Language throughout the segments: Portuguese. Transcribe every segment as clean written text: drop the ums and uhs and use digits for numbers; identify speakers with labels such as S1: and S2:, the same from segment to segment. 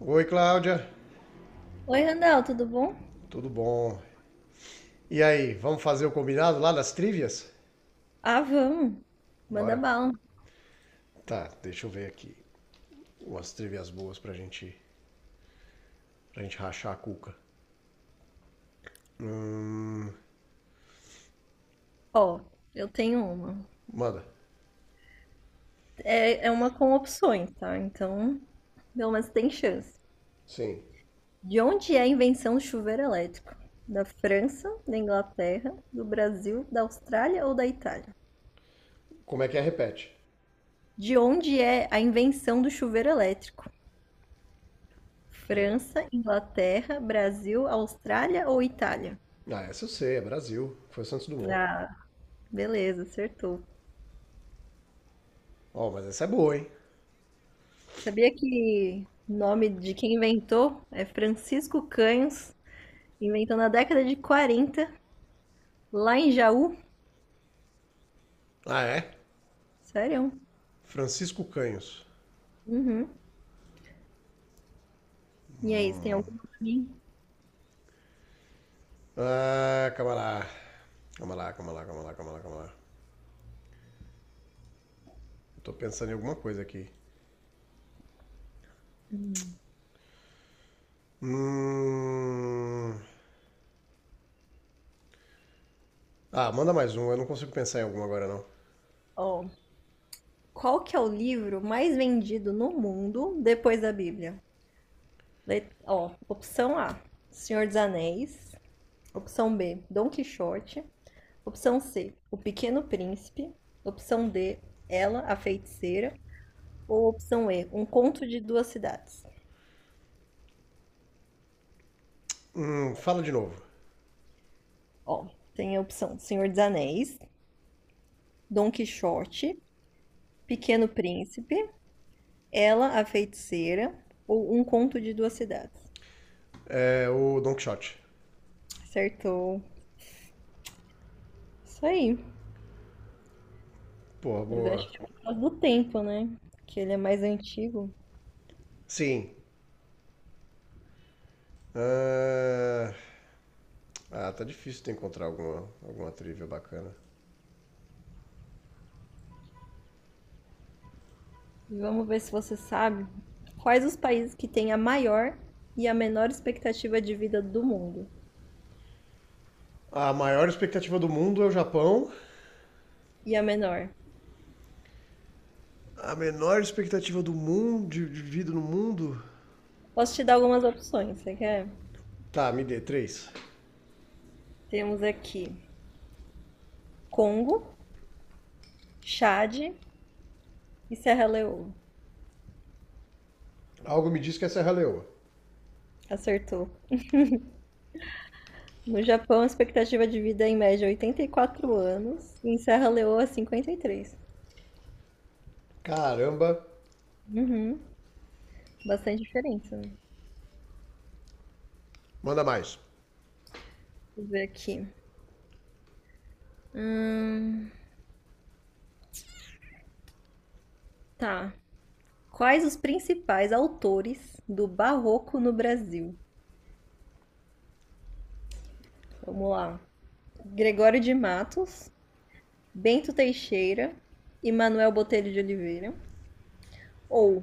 S1: Oi, Cláudia.
S2: Oi, Randall, tudo bom?
S1: Tudo bom? E aí, vamos fazer o combinado lá das trivias?
S2: Ah, vamos. Manda
S1: Bora?
S2: bala.
S1: Tá, deixa eu ver aqui. Umas trivias boas pra gente rachar a cuca. Hum,
S2: Ó, eu tenho uma.
S1: manda.
S2: É, é uma com opções, tá? Então, pelo menos tem chance.
S1: Sim.
S2: De onde é a invenção do chuveiro elétrico? Da França, da Inglaterra, do Brasil, da Austrália ou da Itália?
S1: Como é que é? Repete.
S2: De onde é a invenção do chuveiro elétrico?
S1: Ela-
S2: França, Inglaterra, Brasil, Austrália ou Itália?
S1: Ah, essa eu sei, é Brasil. Foi o Santos Dumont.
S2: Ah, beleza, acertou.
S1: Ó, mas essa é boa, hein?
S2: Sabia que o nome de quem inventou é Francisco Canhos, inventou na década de 40 lá em Jaú?
S1: Ah, é?
S2: Sério?
S1: Francisco Canhos.
S2: Uhum. E aí, você tem alguma pra mim?
S1: Ah, calma lá. Calma lá, calma lá, calma lá, calma lá, calma lá. Eu tô pensando em alguma coisa aqui. Hum. Ah, manda mais um, eu não consigo pensar em algum agora não.
S2: Ó, qual que é o livro mais vendido no mundo depois da Bíblia? Ó, opção A, Senhor dos Anéis. Opção B, Dom Quixote. Opção C, O Pequeno Príncipe. Opção D, Ela, a Feiticeira. Ou opção E, Um Conto de Duas Cidades.
S1: Fala de novo.
S2: Ó, tem a opção Senhor dos Anéis, Dom Quixote, Pequeno Príncipe, Ela, a Feiticeira ou Um Conto de Duas Cidades.
S1: É o Don Quixote.
S2: Acertou. Isso aí.
S1: Porra,
S2: Mas
S1: boa.
S2: acho que é por causa do tempo, né? Que ele é mais antigo.
S1: Sim. Ah, ah, tá difícil de encontrar alguma, alguma trivia bacana.
S2: E vamos ver se você sabe quais os países que têm a maior e a menor expectativa de vida do mundo.
S1: A maior expectativa do mundo é o Japão.
S2: E a menor.
S1: A menor expectativa do mundo, de vida no mundo.
S2: Posso te dar algumas opções, você quer?
S1: Tá, me dê três.
S2: Temos aqui Congo, Chad e Serra Leoa.
S1: Algo me diz que é Serra Leoa.
S2: Acertou. No Japão, a expectativa de vida é em média é 84 anos e em Serra Leoa 53.
S1: Caramba.
S2: Uhum. Bastante diferença, né?
S1: Manda mais.
S2: Deixa eu ver aqui. Hum, tá. Quais os principais autores do Barroco no Brasil? Vamos lá. Gregório de Matos, Bento Teixeira e Manuel Botelho de Oliveira. Ou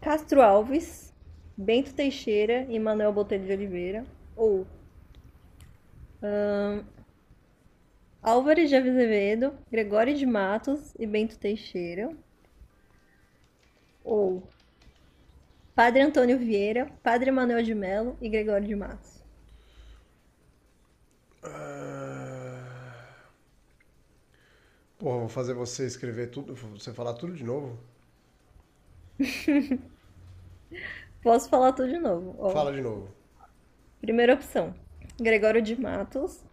S2: Castro Alves, Bento Teixeira e Manuel Botelho de Oliveira. Ou Álvares de Azevedo, Gregório de Matos e Bento Teixeira. Ou Padre Antônio Vieira, Padre Manuel de Melo e Gregório de Matos.
S1: Ah, porra, vou fazer você escrever tudo, você falar tudo de novo.
S2: Posso falar tudo de novo, ó.
S1: Fala de novo.
S2: Primeira opção, Gregório de Matos,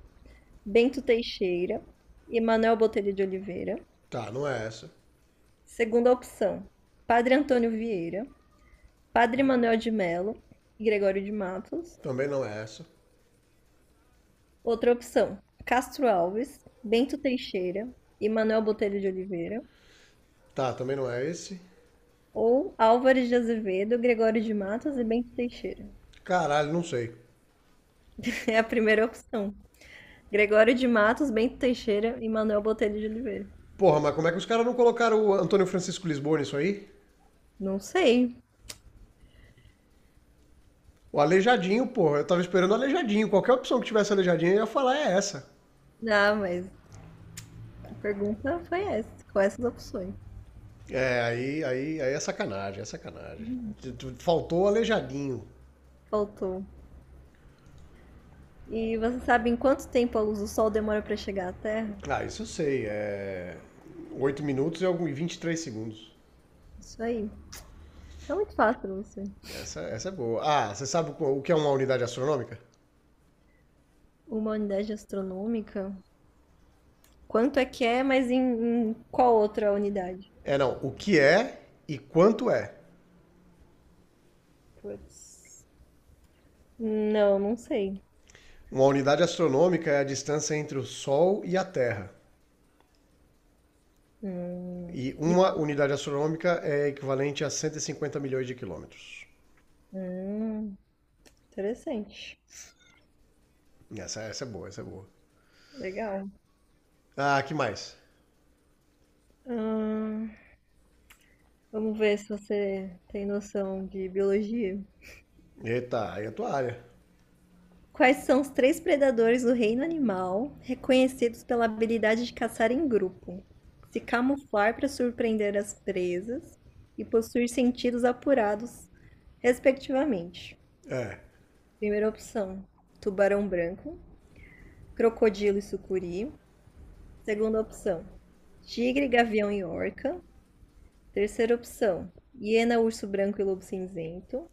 S2: Bento Teixeira e Manuel Botelho de Oliveira.
S1: Tá, não é essa.
S2: Segunda opção, Padre Antônio Vieira, Padre Manuel de Melo e Gregório de Matos.
S1: Também não é essa.
S2: Outra opção, Castro Alves, Bento Teixeira e Manuel Botelho de Oliveira.
S1: Tá, também não é esse.
S2: Ou Álvares de Azevedo, Gregório de Matos e Bento Teixeira.
S1: Caralho, não sei.
S2: É a primeira opção. Gregório de Matos, Bento Teixeira e Manuel Botelho de Oliveira.
S1: Porra, mas como é que os caras não colocaram o Antônio Francisco Lisboa nisso aí?
S2: Não sei.
S1: O Aleijadinho, porra, eu tava esperando o Aleijadinho. Qualquer opção que tivesse Aleijadinho, eu ia falar é essa.
S2: Ah, mas a pergunta foi essa. Com essas opções.
S1: É, aí, aí, aí é sacanagem, é sacanagem. Faltou o Aleijadinho.
S2: Faltou. E você sabe em quanto tempo a luz do Sol demora para chegar à Terra?
S1: Ah, isso eu sei, é 8 minutos e 3 segundos.
S2: Isso aí. É muito fácil, pra você.
S1: Essa é boa. Ah, você sabe o que é uma unidade astronômica?
S2: Uma unidade astronômica. Quanto é que é, mas em qual outra unidade?
S1: É, não. O que é e quanto é.
S2: Putz. Não, não sei.
S1: Uma unidade astronômica é a distância entre o Sol e a Terra.
S2: Hum.
S1: E
S2: E
S1: uma
S2: qual?
S1: unidade astronômica é equivalente a 150 milhões de quilômetros.
S2: Hum, interessante.
S1: Essa é boa, essa é boa.
S2: Legal.
S1: Ah, que mais?
S2: Hum. Vamos ver se você tem noção de biologia.
S1: Eita, aí é a tua área.
S2: Quais são os três predadores do reino animal reconhecidos pela habilidade de caçar em grupo, se camuflar para surpreender as presas e possuir sentidos apurados, respectivamente?
S1: É.
S2: Primeira opção: tubarão branco, crocodilo e sucuri. Segunda opção: tigre, gavião e orca. Terceira opção: hiena, urso branco e lobo cinzento.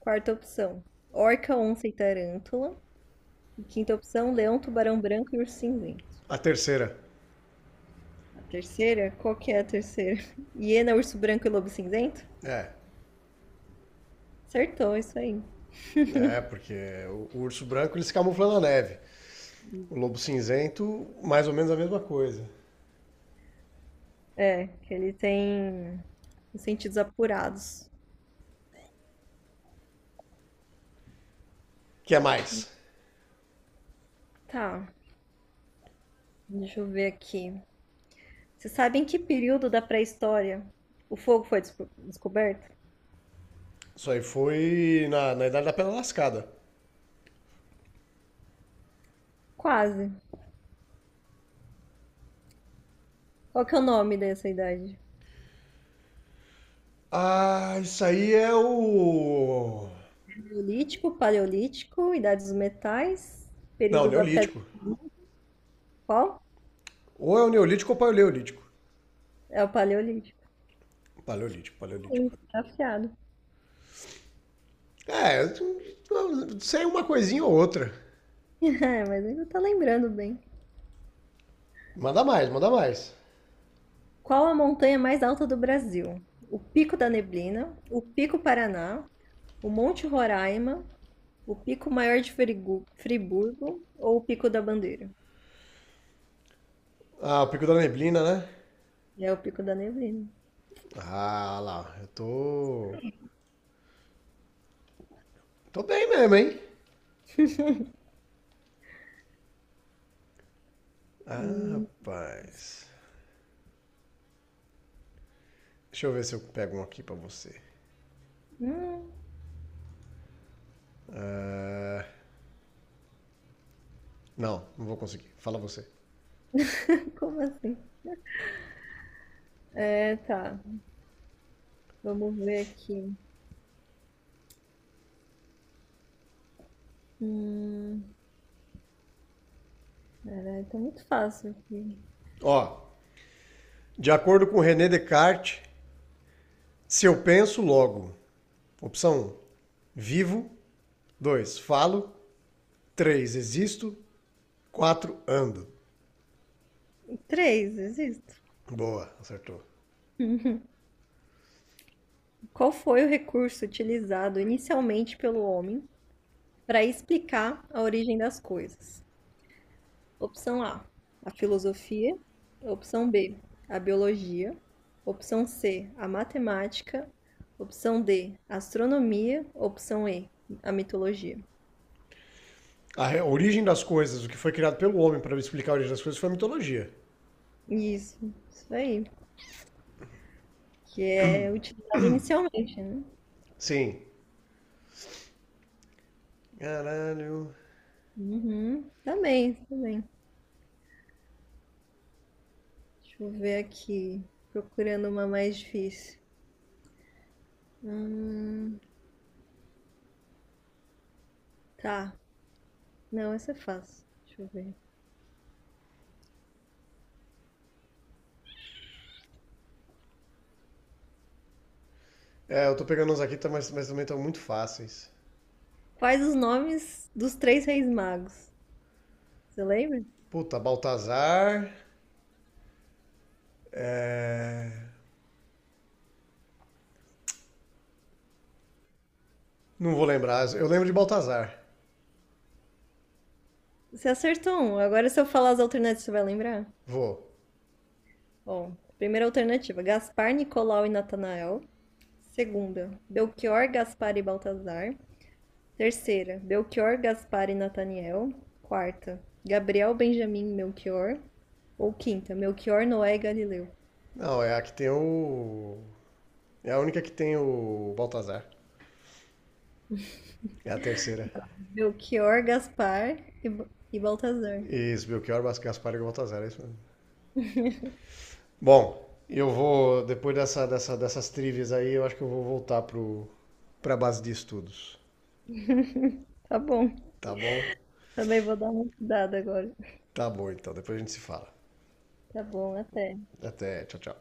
S2: Quarta opção, orca, onça e tarântula. E quinta opção, leão, tubarão branco e urso cinzento.
S1: A terceira.
S2: A terceira, qual que é a terceira? Hiena, urso branco e lobo cinzento?
S1: É.
S2: Acertou, isso aí.
S1: É, porque o urso branco ele se camufla na neve. O lobo cinzento, mais ou menos a mesma coisa.
S2: É, que ele tem os sentidos apurados.
S1: Que é mais?
S2: Tá, deixa eu ver aqui. Você sabe em que período da pré-história o fogo foi descoberto?
S1: Isso aí foi na Idade da Pedra Lascada.
S2: Quase. Qual que é o nome dessa idade?
S1: Ah, isso aí é o.
S2: Neolítico, paleolítico, idade dos metais,
S1: Não,
S2: período da pedra.
S1: Neolítico.
S2: Qual?
S1: Ou é o Neolítico ou o Paleolítico.
S2: É o paleolítico.
S1: Paleolítico, Paleolítico.
S2: Sim, tá afiado.
S1: É, sei uma coisinha ou outra.
S2: É, mas ainda tá lembrando bem.
S1: Manda mais, manda mais.
S2: Qual a montanha mais alta do Brasil? O Pico da Neblina, o Pico Paraná, o Monte Roraima, o Pico Maior de Friburgo ou o Pico da Bandeira?
S1: Ah, o Pico da Neblina, né?
S2: É o Pico da Neblina.
S1: Ah, lá, eu tô. Tô bem mesmo, hein? Ah,
S2: E...
S1: rapaz. Deixa eu ver se eu pego um aqui pra você.
S2: Hum,
S1: Ah, não, não vou conseguir. Fala você.
S2: como assim? É, tá. Vamos ver aqui. Hum, caralho, tá muito fácil aqui.
S1: Ó, de acordo com René Descartes, se eu penso, logo. Opção um, vivo. Dois, falo. Três, existo. Quatro, ando.
S2: Três, existo.
S1: Boa, acertou.
S2: Qual foi o recurso utilizado inicialmente pelo homem para explicar a origem das coisas? Opção A, a filosofia. Opção B, a biologia. Opção C, a matemática. Opção D, a astronomia. Opção E, a mitologia.
S1: A origem das coisas, o que foi criado pelo homem para explicar a origem das coisas, foi a mitologia.
S2: Isso, isso aí. Que é utilizado inicialmente, né?
S1: Sim. Caralho.
S2: Uhum, tá bem, tá bem. Deixa eu ver aqui. Procurando uma mais difícil. Hum, tá. Não, essa é fácil. Deixa eu ver.
S1: É, eu tô pegando uns aqui, tá, mas, também estão muito fáceis.
S2: Quais os nomes dos três reis magos? Você lembra?
S1: Puta, Baltazar. É. Não vou lembrar. Eu lembro de Baltazar.
S2: Você acertou um. Agora, se eu falar as alternativas, você vai lembrar?
S1: Vou.
S2: Bom, primeira alternativa: Gaspar, Nicolau e Natanael. Segunda: Belchior, Gaspar e Baltazar. Terceira: Belchior, Gaspar e Nataniel. Quarta: Gabriel, Benjamin e Melchior. Ou quinta: Melchior, Noé e Galileu.
S1: Não, é a que tem o. É a única que tem o Baltazar. É a terceira.
S2: Belchior, Gaspar e Baltazar.
S1: Isso, Belchior, Gaspar e Baltazar, é isso mesmo. Bom, eu vou, depois dessas trivias aí, eu acho que eu vou voltar pra base de estudos.
S2: Tá bom.
S1: Tá bom?
S2: Também vou dar uma estudada agora.
S1: Tá bom, então. Depois a gente se fala.
S2: Tá bom, até.
S1: Até, tchau, tchau.